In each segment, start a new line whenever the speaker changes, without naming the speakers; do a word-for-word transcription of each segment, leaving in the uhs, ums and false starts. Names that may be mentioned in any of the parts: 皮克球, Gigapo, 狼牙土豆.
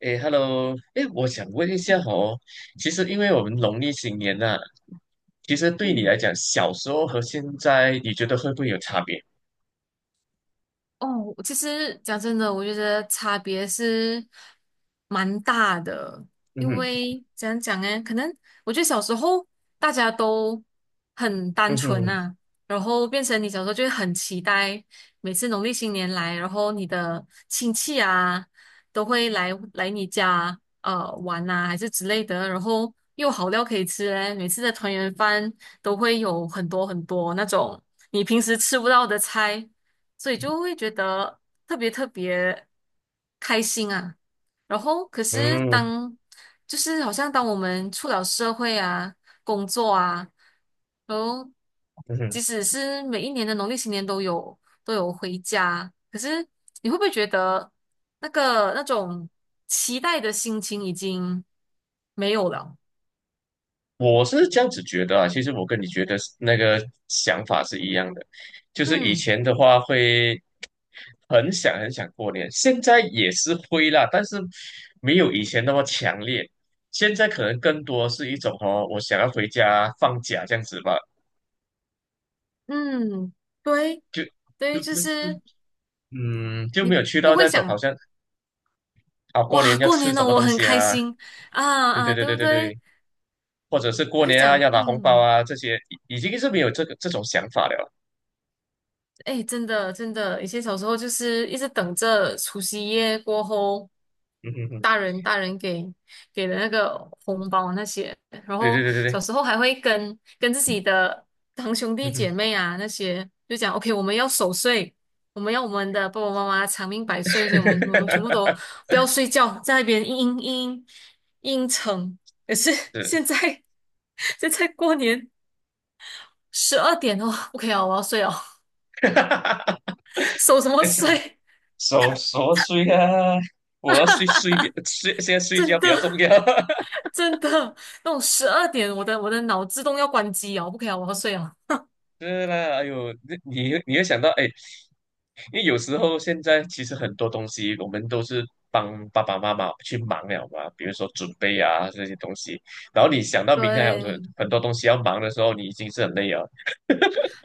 诶 h e l l o 诶，我想问一下
嗯
哦，其实因为我们农历新年呐、其实对你来
嗯，
讲，小时候和现在，你觉得会不会有差别？
哦，其实讲真的，我觉得差别是蛮大的。
嗯
因
哼，
为怎样讲呢？可能我觉得小时候大家都很
嗯
单纯
哼，
呐、然后变成你小时候就会很期待每次农历新年来，然后你的亲戚啊都会来来你家呃玩呐、还是之类的，然后又有好料可以吃嘞，每次的团圆饭都会有很多很多那种你平时吃不到的菜。所以就会觉得特别特别开心啊。然后，可是
嗯
当就是好像当我们出了社会啊，工作啊，然后
嗯哼，
即使是每一年的农历新年都有都有回家，可是你会不会觉得那个那种期待的心情已经没有了？
我是这样子觉得啊。其实我跟你觉得是那个想法是一样的，就是以
嗯
前的话会很想很想过年，现在也是会啦，但是没有以前那么强烈。现在可能更多是一种哦，我想要回家放假这样子吧，
嗯，对
就。就
对，就
不不
是
嗯，就没
你
有去
不
到
会
那种好
想
像啊，过
哇，
年要
过
吃
年
什
了，
么
我
东
很
西
开
啊？
心啊
对对
啊，
对
对
对
不
对
对？
对，或者是
我
过
就
年啊
讲，
要拿红包
嗯，
啊这些，已已经是没有这个这种想法了。
哎，真的真的，以前小时候就是一直等着除夕夜过后，
嗯哼哼，
大人大人给给的那个红包那些，然
对对
后
对对
小
对，
时候还会跟跟自己的堂兄
嗯
弟
哼，
姐妹啊那些，就讲 OK，我们要守岁，我们要我们的爸爸妈妈长命百岁，所以我们我们全部都不要睡觉，在那边嘤嘤嘤嘤成。可是
是，
现在 现在过年十二点哦，o k 以啊，我要睡哦，守什么
是
睡？
守守岁啊，我要睡睡比睡，现在睡
真
觉比
的
较重要。
真的，那种十二点，我的我的脑自动要关机哦，不可以啊，我要睡了。
是啦，哎呦，你你你会想到哎，因为有时候现在其实很多东西我们都是帮爸爸妈妈去忙了嘛，比如说准备啊这些东西，然后你想到明天还有很
对
很多东西要忙的时候，你已经是很累了。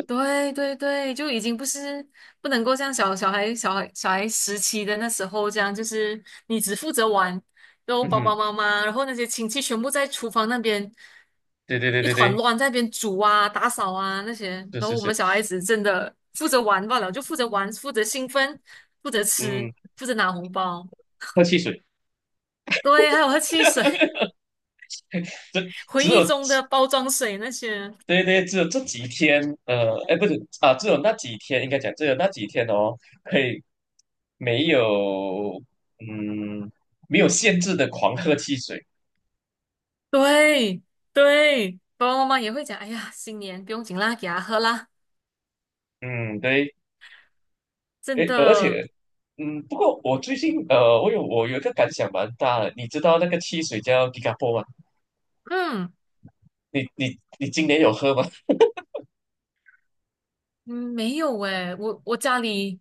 对对对，就已经不是不能够像小小孩小孩小孩时期的那时候这样，就是你只负责玩，然后
嗯
爸
哼，
爸妈妈，然后那些亲戚全部在厨房那边
对对对
一
对
团
对，
乱，在那边煮啊、打扫啊那些，
是
然后
是
我们
是，
小孩子真的负责玩罢了，就负责玩，负责兴奋，负责吃，
嗯，
负责拿红包，
喝汽水。
对，还有喝汽水。
只
回
只
忆
有
中的包装水那些。
对对，只有这几天，呃，哎，不是啊，只有那几天，应该讲只有那几天哦，可以没有，嗯，没有限制的狂喝汽水，
对对，爸爸妈妈也会讲，哎呀，新年不用紧啦，给他喝啦。
嗯，对，
真
哎，而
的。
且嗯，不过我最近呃，我有我有一个感想蛮大的，你知道那个汽水叫 Gigapo 吗？
嗯
你你你今年有喝吗
嗯，没有诶，我我家里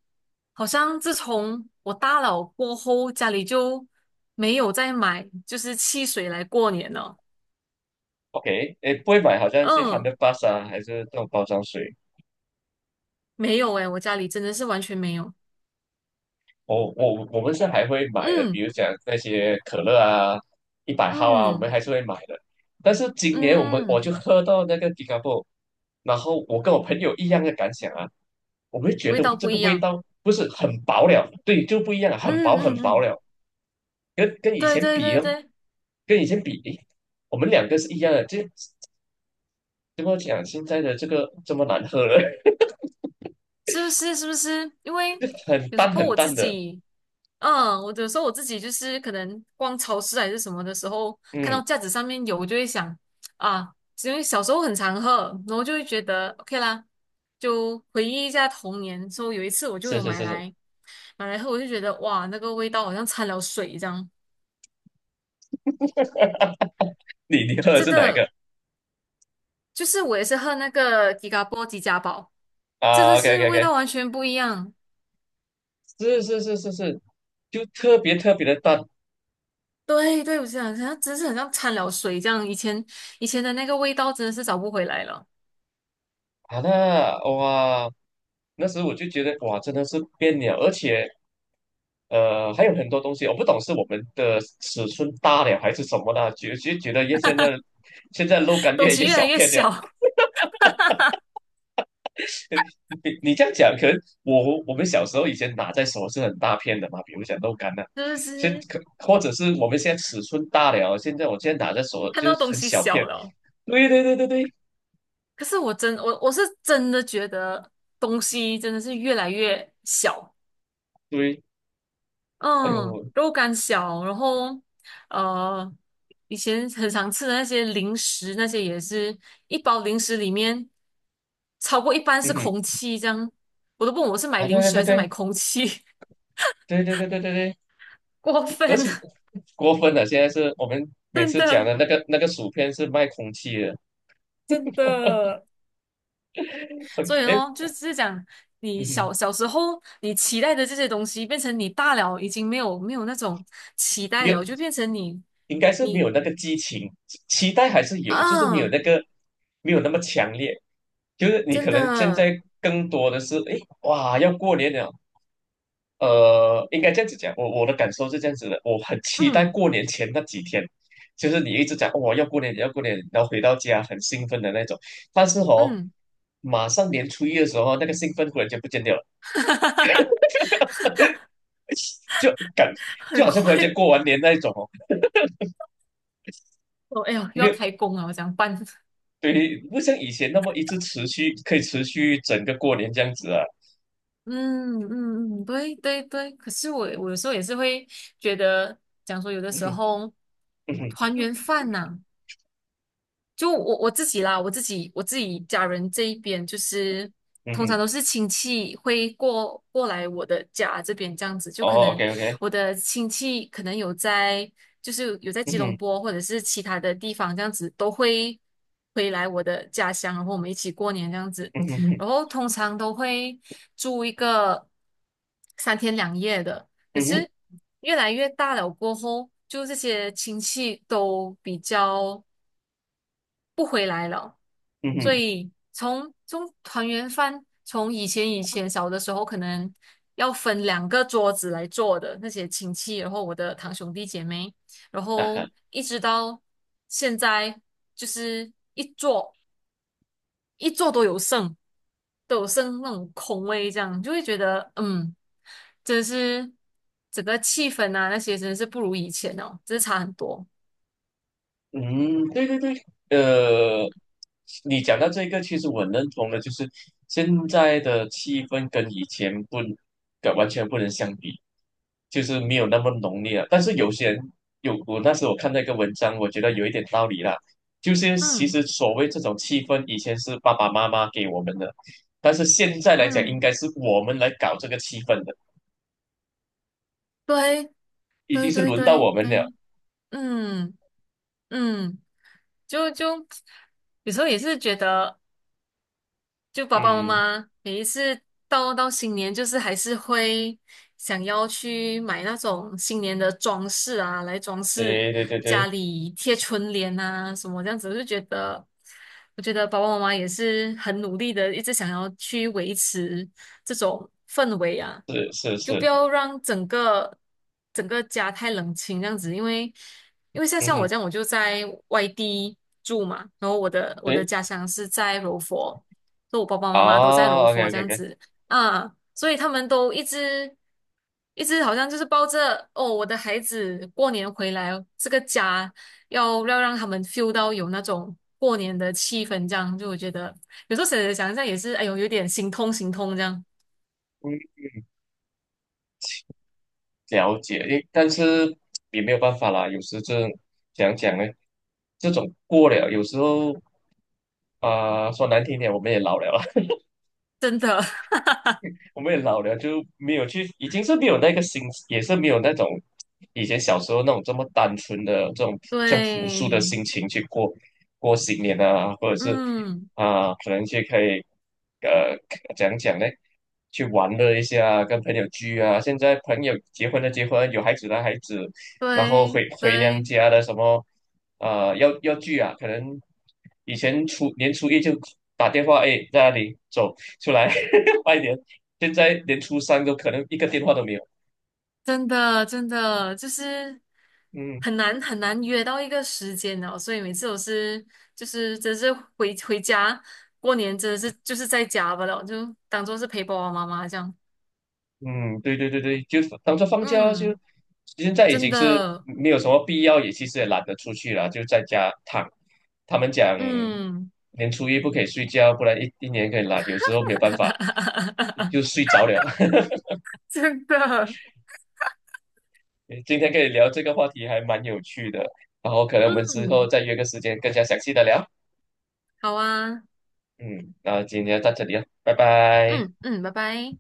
好像自从我大了过后，家里就没有再买就是汽水来过年了。
？OK，诶，不会买，好像是
嗯，
Hundred p s 啊，还是这种包装水。
没有诶，我家里真的是完全没有。
我我我们是还会买的，比
嗯
如讲那些可乐啊、一百号啊，我们
嗯
还是会买的。但是今年我们
嗯。
我就
嗯
喝到那个 Gigapo，然后我跟我朋友一样的感想啊，我们觉
味
得
道
这
不
个
一
味
样。
道不是很薄了，对，就不一样了，很
嗯
薄很
嗯
薄
嗯。
了。跟跟以
对
前
对
比，
对对。
跟以前比，诶，我们两个是一样的，就怎么讲，现在的这个这么难喝了，
是不是？是不是？因为
很
有时
淡
候
很
我自
淡的。
己，嗯，我有时候我自己就是可能逛超市还是什么的时候，看到
嗯，
架子上面有，我就会想啊。因为小时候很常喝，然后就会觉得 OK 啦，就回忆一下童年。说有一次我就
是
有
是
买
是是，
来买来喝，我就觉得哇，那个味道好像掺了水这样。
你你喝的
真
是哪一
的，
个
就是我也是喝那个吉嘎波吉家宝，真的
啊？OK
是
OK
味
OK，
道完全不一样。
是是是是是，就特别特别的淡
对对，我想好像真是很像掺了水这样。以前以前的那个味道真的是找不回来了。
好的哇，那时候我就觉得哇，真的是变了，而且呃，还有很多东西，我不懂是我们的尺寸大了还是什么的，觉觉觉得越现在现在肉干
东
越
西
越
越来
小
越
片了。
小，
你你这样讲，可能我我们小时候以前拿在手是很大片的嘛，比如讲豆干呐、
是不
现
是？
可或者是我们现在尺寸大了，现在我现在拿在手
看
就是
到东
很
西
小片。
小了，
对对对对对
可是我真我我是真的觉得东西真的是越来越小。
对，哎
嗯，
呦，
肉干小，然后呃，以前很常吃的那些零食，那些也是一包零食里面超过一半
嗯
是
哼，
空气，这样我都不懂我是买
啊对
零
对
食
对
还是买
对
空气。
对对对对对对，
过
而
分。
且 过分了，现在是我们每
真
次讲
的。
的那个那个薯片是卖空气的，
真的，
哎
所以
哎，
咯，就是讲你
嗯
小
哼，
小时候你期待的这些东西，变成你大了已经没有没有那种期
没
待
有
了，就变成你
应该是没
你
有那个激情，期待还是有，就是没有
啊。
那个没有那么强烈。就是你
真
可能现
的。
在更多的是，诶，哇，要过年了，呃，应该这样子讲，我我的感受是这样子的，我很期待
嗯
过年前那几天，就是你一直讲哦，要过年，要过年，然后回到家很兴奋的那种，但是哦，
嗯。
马上年初一的时候，那个兴奋忽然间不见掉了，就感就
很
好像忽然间
快
过完年那一种哦。
哦，哎呦，又
没
要
有。
开工了，我讲办。
对，不像以前那么一直持续，可以持续整个过年这样子啊。
嗯嗯嗯。对对对。可是我我有时候也是会觉得，讲说有的
嗯
时
哼，
候
嗯哼，
团圆饭呐、就我我自己啦，我自己我自己家人这一边，就是
嗯
通
哼，
常都是亲戚会过过来我的家这边这样子，就可
哦
能
，OK，OK，
我的亲戚可能有在，就是有在
嗯
吉隆
哼，
坡或者是其他的地方这样子，都会回来我的家乡，然后我们一起过年这样子，
嗯哼，
然后通常都会住一个三天两夜的。可
嗯哼，嗯哼，
是越来越大了过后，就这些亲戚都比较。
嗯
所
哼，
以从从团圆饭，从以前以前小的时候，可能要分两个桌子来坐的那些亲戚，然后我的堂兄弟姐妹，然
啊
后
哈。
一直到现在，就是一桌一桌都有剩，都有剩，那种空位，这样就会觉得，嗯，真是整个气氛啊那些真的是不如以前哦，真是差很多。
嗯，对对对，呃，你讲到这个，其实我认同的，就是现在的气氛跟以前不，跟完全不能相比，就是没有那么浓烈了。但是有些人有，我那时候我看到一个文章，我觉得有一点道理啦，就是其
嗯
实所谓这种气氛，以前是爸爸妈妈给我们的，但是现在来讲，应
嗯。
该是我们来搞这个气氛的，
对
已经
对
是
对
轮到
对
我们了。
对。嗯嗯。就就有时候也是觉得，就爸爸妈
嗯，
妈每一次到到新年，就是还是会想要去买那种新年的装饰啊，来装饰
对对对
家
对，
里贴春联啊什么这样子。我就觉得，我觉得爸爸妈妈也是很努力的，一直想要去维持这种氛围啊，
是是
就
是，
不要让整个整个家太冷清这样子。因为因为像
嗯
像我
哼。
这样，我就在外地住嘛，然后我的我的家乡是在柔佛。就我爸爸妈妈都在柔
啊，OK
佛这
OK
样
OK，
子啊，所以他们都一直一直好像就是抱着哦，我的孩子过年回来这个家要要让他们 feel 到有那种过年的气氛，这样就我觉得有时候想想一下也是，哎呦，有点心痛心痛这样。
嗯，了解，诶，但是也没有办法啦，有时这讲讲呢，这种过了，有时候啊、说难听点，我们也老了。
真的。
我们也老了，就没有去，已经是没有那个心，也是没有那种以前小时候那种这么单纯的这种 像朴素
对。
的心情去过过新年啊，或者是
嗯。
啊、可能去可以呃讲讲呢，去玩乐一下啊，跟朋友聚啊。现在朋友结婚的结婚，有孩子的孩子，然后
对
回回娘
对。
家的什么呃要要聚啊，可能以前初年初一就打电话，哎，在那里走出来，拜年。现在连初三都可能一个电话都没有。
真的真的就是
嗯
很难很难约到一个时间哦，所以每次我是就是真是回回家过年真的是就是在家吧了，就当做是陪爸爸妈妈这样。
嗯，对对对对，就当做放假就，
嗯。
现在已
真
经是
的。
没有什么必要，也其实也懒得出去了，就在家躺。他们讲
嗯。
年初一不可以睡觉，不然一一年可以懒，有时候没办法就 睡着了。
真的。
今天跟你聊这个话题还蛮有趣的，然后可能我们之后
嗯，
再约个时间更加详细的聊。
好啊。
嗯，那今天到这里了，拜拜。
嗯嗯，拜拜。